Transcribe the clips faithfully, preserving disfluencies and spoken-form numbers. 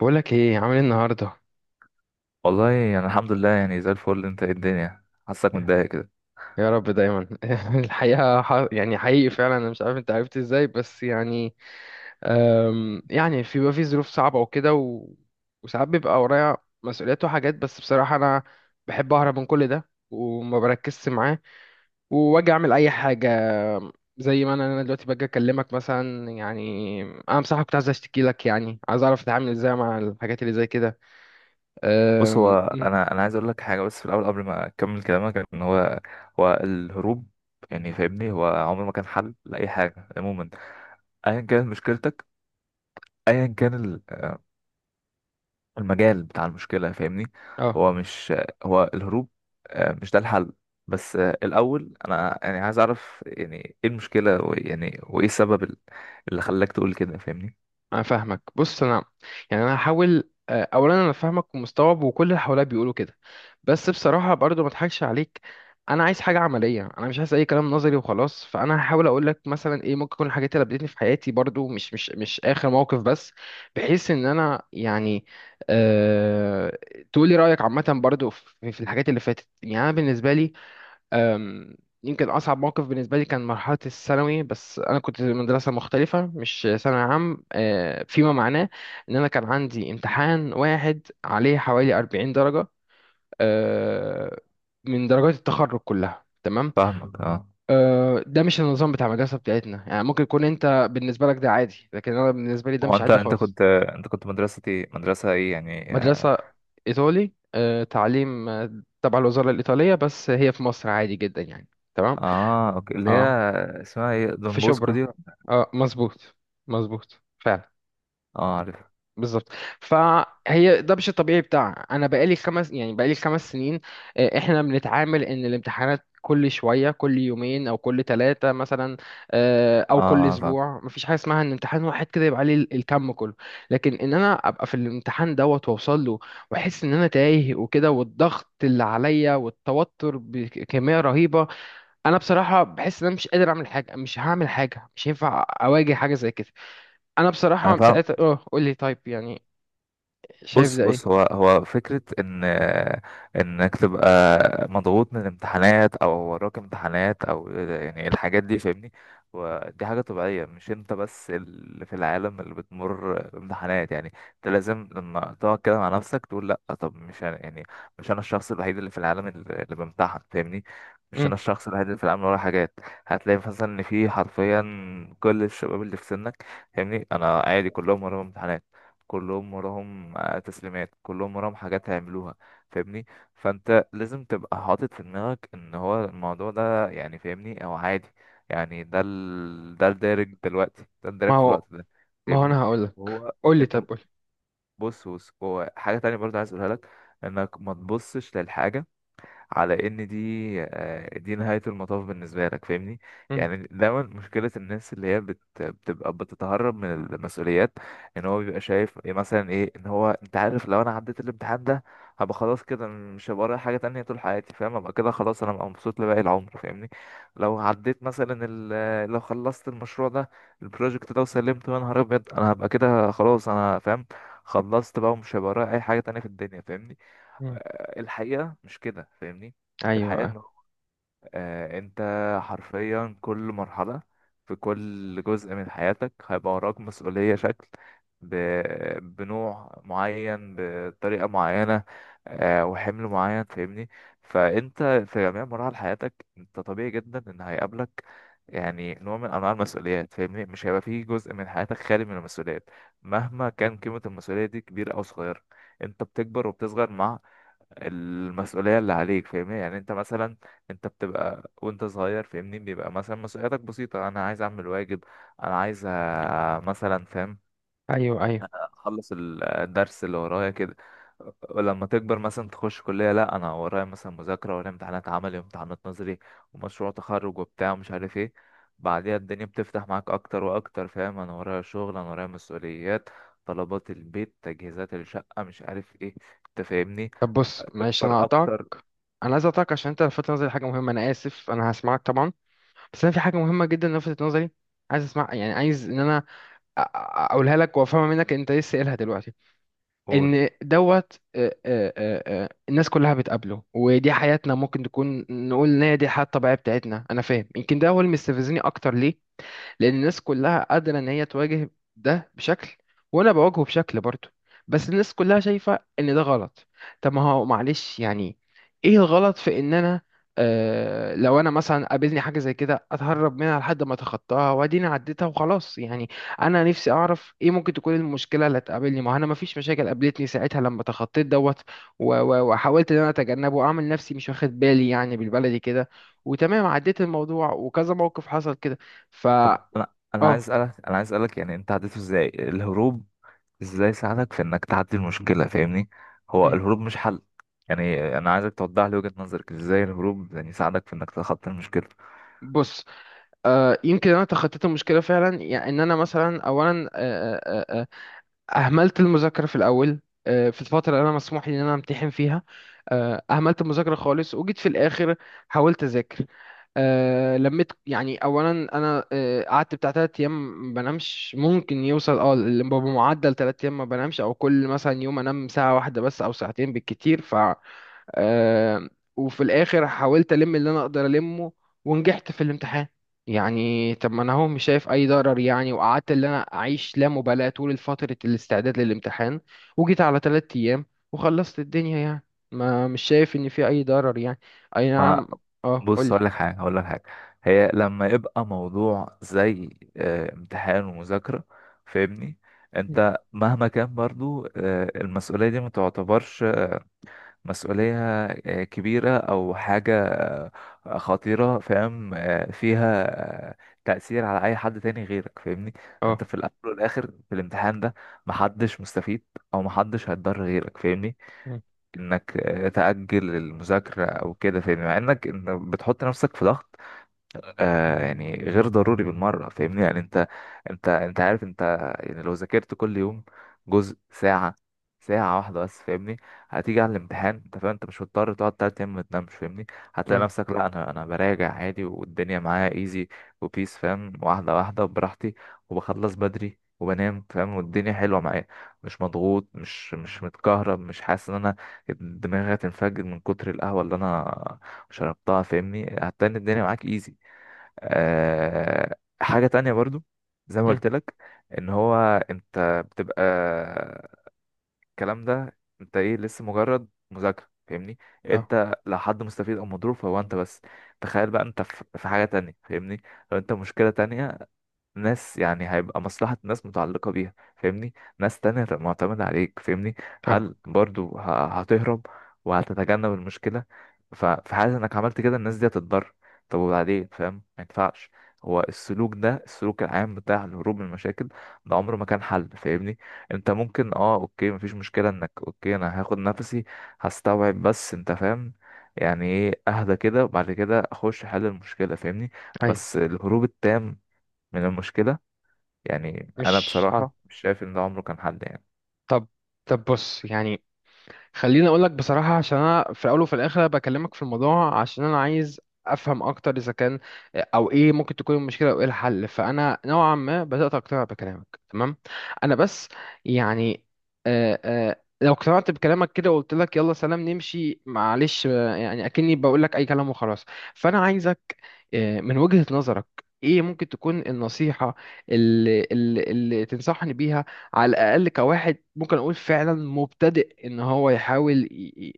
بقولك ايه، عامل ايه النهارده؟ والله يعني الحمد لله، يعني زي الفل. انت ايه؟ الدنيا حاسك متضايق كده؟ يا رب دايما. الحقيقه ح- يعني حقيقي فعلا، انا مش عارف انت عرفت ازاي بس يعني. أم، يعني في بيبقى في ظروف صعبه وكده و... وساعات بيبقى ورايا مسؤوليات وحاجات، بس بصراحه انا بحب اهرب من كل ده وما بركزش معاه، واجي اعمل اي حاجه زي ما انا انا دلوقتي باجي اكلمك مثلا يعني. انا بصراحه كنت عايز اشتكي لك، يعني عايز اعرف اتعامل ازاي مع الحاجات اللي زي كده. بص، أم، هو انا انا عايز اقول لك حاجه، بس في الاول قبل ما اكمل كلامك، ان هو هو الهروب يعني، فاهمني، هو عمره ما كان حل لاي حاجه عموما. ايا كانت مشكلتك، ايا كان ال- المجال بتاع المشكله فاهمني. اه، هو مش هو الهروب، آه، مش ده الحل. بس آه، الاول انا يعني عايز اعرف، يعني ايه المشكله، ويعني وايه السبب ال- اللي خلاك تقول كده، فاهمني. انا فاهمك. بص، انا يعني انا هحاول. آه، اولا انا فاهمك ومستوعب، وكل اللي حواليا بيقولوا كده، بس بصراحه برضو ما اضحكش عليك. انا عايز حاجه عمليه، انا مش عايز اي كلام نظري وخلاص. فانا هحاول اقول لك مثلا ايه ممكن تكون الحاجات اللي قابلتني في حياتي برضو، مش مش مش اخر موقف بس، بحيث ان انا يعني. أه... تقولي رايك عامه برضو في في الحاجات اللي فاتت. يعني انا بالنسبه لي، أم، يمكن أصعب موقف بالنسبة لي كان مرحلة الثانوي، بس أنا كنت في مدرسة مختلفة، مش ثانوي عام. أه، فيما معناه إن أنا كان عندي امتحان واحد عليه حوالي أربعين درجة، أه، من درجات التخرج كلها. تمام. فاهمك، اه. أه، ده مش النظام بتاع المدرسة بتاعتنا يعني. ممكن يكون أنت بالنسبة لك ده عادي، لكن أنا بالنسبة لي ده هو مش انت عادي انت خالص. كنت انت كنت مدرسة ايه، مدرسة ايه يعني؟ مدرسة إيطالي، أه، تعليم أه، تبع الوزارة الإيطالية، بس هي في مصر عادي جدا يعني. تمام. اه، اوكي، اللي هي اه، اسمها ايه؟ في دون بوسكو شبرا. دي؟ اه، مظبوط. مظبوط فعلا. اه، عارف. بالظبط. فهي ده مش الطبيعي بتاع. انا بقالي خمس، يعني بقالي خمس سنين آه، احنا بنتعامل ان الامتحانات كل شويه، كل يومين او كل ثلاثه مثلا، آه، اه، او كل آه، فاهم. اسبوع. مفيش حاجه اسمها ان امتحان واحد كده يبقى عليه ال- الكم كله. لكن ان انا ابقى في الامتحان دوت واوصل له، واحس ان انا تايه وكده، والضغط اللي عليا والتوتر بكميه رهيبه. انا بصراحه بحس ان انا مش قادر اعمل حاجه، مش هعمل حاجه، مش هينفع اواجه حاجه زي كده. انا انا بصراحه فاهم. ساعتها اه، قول لي طيب يعني، شايف بص ده ايه؟ بص هو هو فكرة إن إنك تبقى مضغوط من الامتحانات، أو وراك امتحانات، أو يعني الحاجات دي فاهمني. ودي حاجة طبيعية، مش أنت بس اللي في العالم اللي بتمر بامتحانات، يعني أنت لازم لما تقعد كده مع نفسك تقول: لأ، طب مش أنا يعني، مش أنا الشخص الوحيد اللي في العالم اللي اللي بامتحن، فاهمني. مش أنا امم. الشخص الوحيد اللي في العالم اللي وراه حاجات. هتلاقي مثلا إن في حرفيا كل الشباب اللي في سنك، فاهمني، أنا عادي، كلهم وراهم امتحانات، كلهم وراهم آه، تسليمات، كلهم وراهم حاجات هيعملوها، فاهمني. فانت لازم تبقى حاطط في دماغك ان هو الموضوع ده يعني فاهمني او عادي، يعني ده ال... ده الدارج دلوقتي، ده ما الدارج في هو، الوقت ده. ما هو فاهمني. انا هقول لك. وهو قول لي انت م- طب، قول. بص بص، هو حاجة تانية برضه عايز اقولها لك، انك ما تبصش للحاجة على ان دي آه، دي نهاية المطاف بالنسبة لك، فاهمني. امم. يعني دايما مشكلة الناس اللي هي بت... بتبقى بتتهرب من المسؤوليات، ان هو بيبقى شايف إيه مثلا، ايه ان هو انت عارف لو انا عديت الامتحان ده، هبقى خلاص كده مش هبقى ورايا حاجة تانية طول حياتي، فاهم، ابقى كده خلاص، انا هبقى مبسوط لباقي العمر، فاهمني. لو عديت مثلا ال... لو خلصت المشروع ده، البروجكت ده وسلمته، يا نهار ابيض انا هبقى كده خلاص، انا فاهم، خلصت بقى ومش هيبقى ورايا اي حاجة تانية في الدنيا، فاهمني. امم. آه، الحقيقة مش كده، فاهمني. الحقيقة ايوه، انه آه، انت حرفيا كل مرحلة، في كل جزء من حياتك هيبقى وراك مسؤولية شكل، ب... بنوع معين، بطريقة معينة، آه، وحمل معين، فاهمني. فانت في جميع مراحل حياتك انت طبيعي جدا ان هيقابلك يعني نوع من انواع المسؤوليات، فاهمني، مش هيبقى فيه جزء من حياتك خالي من المسؤوليات، مهما كان قيمة المسؤولية دي كبيرة او صغيرة. انت بتكبر وبتصغر مع المسؤولية اللي عليك، فاهمني. يعني انت مثلا، انت بتبقى وانت صغير، فاهمني، بيبقى مثلا مسؤولياتك بسيطة: انا عايز اعمل واجب، انا عايز آه، مثلا، فاهم، ايوه، ايوه. اخلص ال- الدرس اللي ورايا كده. ولما تكبر مثلا تخش كلية، لا انا ورايا مثلا مذاكرة، ورايا امتحانات عملي وامتحانات نظري ومشروع تخرج وبتاع ومش عارف ايه. بعديها الدنيا بتفتح معاك اكتر واكتر، فاهم، انا ورايا شغل، انا ورايا مسؤوليات، طلبات البيت، تجهيزات الشقة، مش عارف ايه. انت فاهمني، طب بص، معلش انا تكبر هقطعك. اكتر. انا عايز اقطعك عشان انت لفتت نظري حاجه مهمه. انا اسف، انا هسمعك طبعا، بس انا في حاجه مهمه جدا لفتت نظري. عايز اسمع يعني، عايز ان انا أ- أ- اقولها لك وافهمها منك انت لسه قايلها دلوقتي. قول. ان دوت، آه، آه، آه، آه، الناس كلها بتقابله، ودي حياتنا، ممكن تكون نقول ان هي دي الحياه الطبيعيه بتاعتنا. انا فاهم، يمكن ده هو اللي مستفزني اكتر ليه، لان الناس كلها قادره ان هي تواجه ده بشكل، وانا بواجهه بشكل برضه، بس الناس كلها شايفه ان ده غلط. طب ما هو معلش يعني، ايه الغلط في ان انا آه، لو انا مثلا قابلني حاجه زي كده اتهرب منها لحد ما اتخطاها، واديني عديتها وخلاص يعني. انا نفسي اعرف ايه ممكن تكون المشكله اللي هتقابلني. ما هو انا ما فيش مشاكل قابلتني ساعتها لما تخطيت دوت، و- و- وحاولت ان انا اتجنبه واعمل نفسي مش واخد بالي، يعني بالبلدي كده. وتمام عديت الموضوع، وكذا موقف حصل كده. طب انا انا عايز اه. اسالك انا عايز اسالك، يعني انت عديته ازاي الهروب؟ ازاي ساعدك في انك تعدي المشكله، فاهمني؟ هو مم. الهروب مش حل. يعني انا عايزك توضح لي وجهه نظرك، ازاي الهروب يعني ساعدك في انك تتخطى المشكله؟ بص، آه، يمكن انا تخطيت المشكله فعلا يعني. ان انا مثلا اولا آه آه آه اهملت المذاكره في الاول، آه، في الفتره اللي انا مسموح لي ان انا امتحن فيها، آه، اهملت المذاكره خالص. وجيت في الاخر حاولت اذاكر. آه، لميت يعني. اولا انا آه، قعدت بتاع تلات ايام ما بنامش، ممكن يوصل اه ل- بمعدل تلات ايام ما بنامش، او كل مثلا يوم انام ساعه واحده بس او ساعتين بالكتير. آه، وفي الاخر حاولت الم اللي انا اقدر المه، ونجحت في الامتحان. يعني طب، ما انا هو مش شايف اي ضرر يعني. وقعدت اللي انا اعيش لا مبالاة طول فترة الاستعداد للامتحان، وجيت على تلات ايام وخلصت الدنيا يعني. ما مش شايف ان في اي ضرر يعني. اي ما نعم. اه، بص، قولي. هقول لك حاجه هقول لك حاجه. هي لما يبقى موضوع زي آه، امتحان ومذاكره، فاهمني، مم. انت مهما كان برضو آه، المسؤوليه دي ما تعتبرش مسؤولية آه، كبيرة أو حاجة آه، خطيرة، فاهم، آه، فيها آه، تأثير على أي حد تاني غيرك، فاهمني. اه. أنت في الأول والآخر في الامتحان ده، محدش مستفيد أو محدش هيتضر غيرك، فاهمني، مم، إنك آه، تأجل المذاكرة أو كده، فاهمني، مع إنك إن بتحط نفسك في ضغط آه يعني غير ضروري بالمرة، فاهمني. يعني انت انت انت عارف، انت يعني لو ذاكرت كل يوم جزء ساعة، ساعة واحدة بس، فاهمني، هتيجي على الامتحان، انت فاهم، انت مش مضطر تقعد تلات ايام ما تنامش، فاهمني. هتلاقي مم، نفسك: لا انا انا براجع عادي والدنيا معايا ايزي وبيس، فاهم، واحدة واحدة وبراحتي، وبخلص بدري وبنام، فاهم، والدنيا حلوة معايا. مش مضغوط، مش مش متكهرب، مش حاسس ان انا دماغي هتنفجر من كتر القهوة اللي انا شربتها، فاهمني، هتلاقي إن الدنيا معاك ايزي. آه، حاجة تانية برضو، زي ما مم، قلت لك، ان هو انت بتبقى الكلام ده انت ايه لسه مجرد مذاكرة، فاهمني، اه، انت لو حد مستفيد او مضروب فهو انت بس. تخيل بقى انت في في حاجة تانية، فاهمني، لو انت مشكلة تانية، ناس يعني هيبقى مصلحة ناس متعلقة بيها، فاهمني، ناس تانية هتبقى معتمدة عليك، فاهمني، هل فاهمك. برضو ه- هتهرب وهتتجنب المشكلة؟ ف- في حالة انك عملت كده الناس دي هتتضرر، طب وبعدين، فاهم، ما ينفعش. هو السلوك ده، السلوك العام بتاع الهروب من المشاكل، ده عمره ما كان حل، فاهمني. انت ممكن اه اوكي مفيش مشكلة انك اوكي، انا هاخد نفسي هستوعب، بس انت فاهم يعني ايه، اهدى كده وبعد كده اخش حل المشكلة، فاهمني. ايوه. بس الهروب التام من المشكلة، يعني انا مش حاضر. بصراحه مش شايف ان ده عمره كان حد يعني. طب، طب بص يعني، خليني اقول لك بصراحه. عشان انا في الاول وفي الاخر بكلمك في الموضوع، عشان انا عايز افهم اكتر اذا كان، او ايه ممكن تكون المشكله، او ايه الحل. فانا نوعا ما بدات اقتنع بكلامك تمام. انا بس يعني آه آه لو اقتنعت بكلامك كده وقلت لك يلا سلام نمشي، معلش، آه، يعني اكني بقول لك اي كلام وخلاص. فانا عايزك آه، من وجهة نظرك، ايه ممكن تكون النصيحة اللي, اللي, اللي تنصحني بيها، على الأقل كواحد ممكن أقول فعلا مبتدئ، إن هو يحاول ي-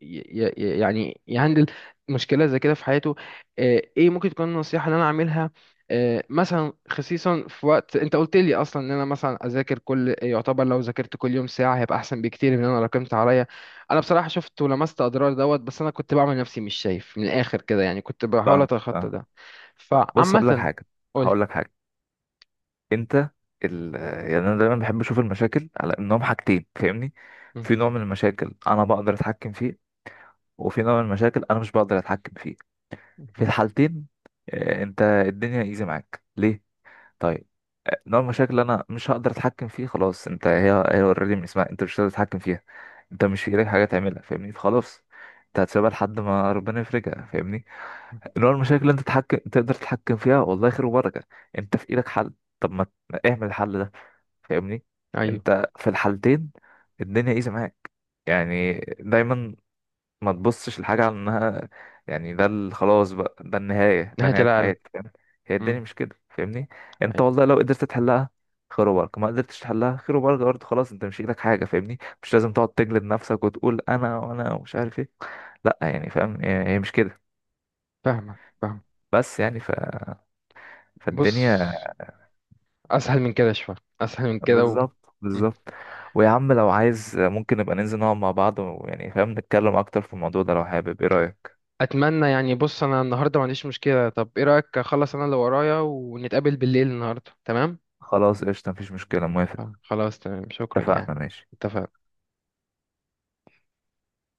ي- ي- يعني يهندل مشكلة زي كده في حياته. آه، ايه ممكن تكون النصيحة اللي أنا أعملها؟ آه، مثلا خصيصا في وقت انت قلت لي اصلا ان انا مثلا اذاكر كل، يعتبر لو ذاكرت كل يوم ساعه هيبقى احسن بكتير من ان انا راكمت عليا. انا بصراحه شفت ولمست اضرار دوت، بس انا كنت بعمل نفسي مش شايف. من الاخر كده يعني كنت بحاول فاهمك، اتخطى فاهم. ده. بص، هقول لك فعامة. حاجه قولي. هقول لك حاجه انت ال... يعني انا دايما بحب اشوف المشاكل على انهم حاجتين، فاهمني. مم. في نوع من المشاكل انا بقدر اتحكم فيه، وفي نوع من المشاكل انا مش بقدر اتحكم فيه. في مم. الحالتين آه، انت الدنيا ايزي معاك ليه؟ طيب، آه، نوع المشاكل اللي انا مش هقدر اتحكم فيه، خلاص انت هي هي اوريدي من اسمها، انت مش هتقدر تتحكم فيها، انت مش في ايدك حاجه تعملها، فاهمني، فخلاص انت هتسيبها لحد ما ربنا يفرجها، فاهمني. اللي هو المشاكل اللي انت تتحكم تقدر تتحكم فيها، والله خير وبركة، انت في ايدك حل، طب ما ت- اعمل الحل ده، فاهمني. أيوه. انت في الحالتين الدنيا ايزي معاك. يعني دايما ما تبصش لحاجة على انها، يعني ده ال- خلاص بقى، ده النهاية، ده نهاية نهاية العالم. حياتي، فاهم. هي الدنيا مم. مش كده، فاهمني. انت أيوه. والله لو قدرت تحلها خير وبركة، ما قدرتش تحلها خير وبركة برضه، خلاص، انت مش في ايدك حاجة، فاهمني، مش لازم تقعد تجلد نفسك وتقول انا وانا ومش عارف ايه. لا يعني فاهم، هي هي مش كده. فاهمك، فاهم. بس يعني ف بص، فالدنيا. أسهل من كده شوية، أسهل من كده و... بالظبط مم. بالظبط. ويا عم لو عايز ممكن نبقى ننزل نقعد مع بعض، ويعني فاهم نتكلم اكتر في الموضوع ده لو حابب. ايه رأيك؟ أتمنى يعني. بص، أنا النهاردة ما عنديش مشكلة. طب إيه رأيك أخلص أنا اللي ورايا، ونتقابل بالليل النهاردة؟ تمام. خلاص قشطة، مفيش مشكلة، موافق. خلاص تمام، شكرا يعني. اتفقنا، ماشي. اتفقنا.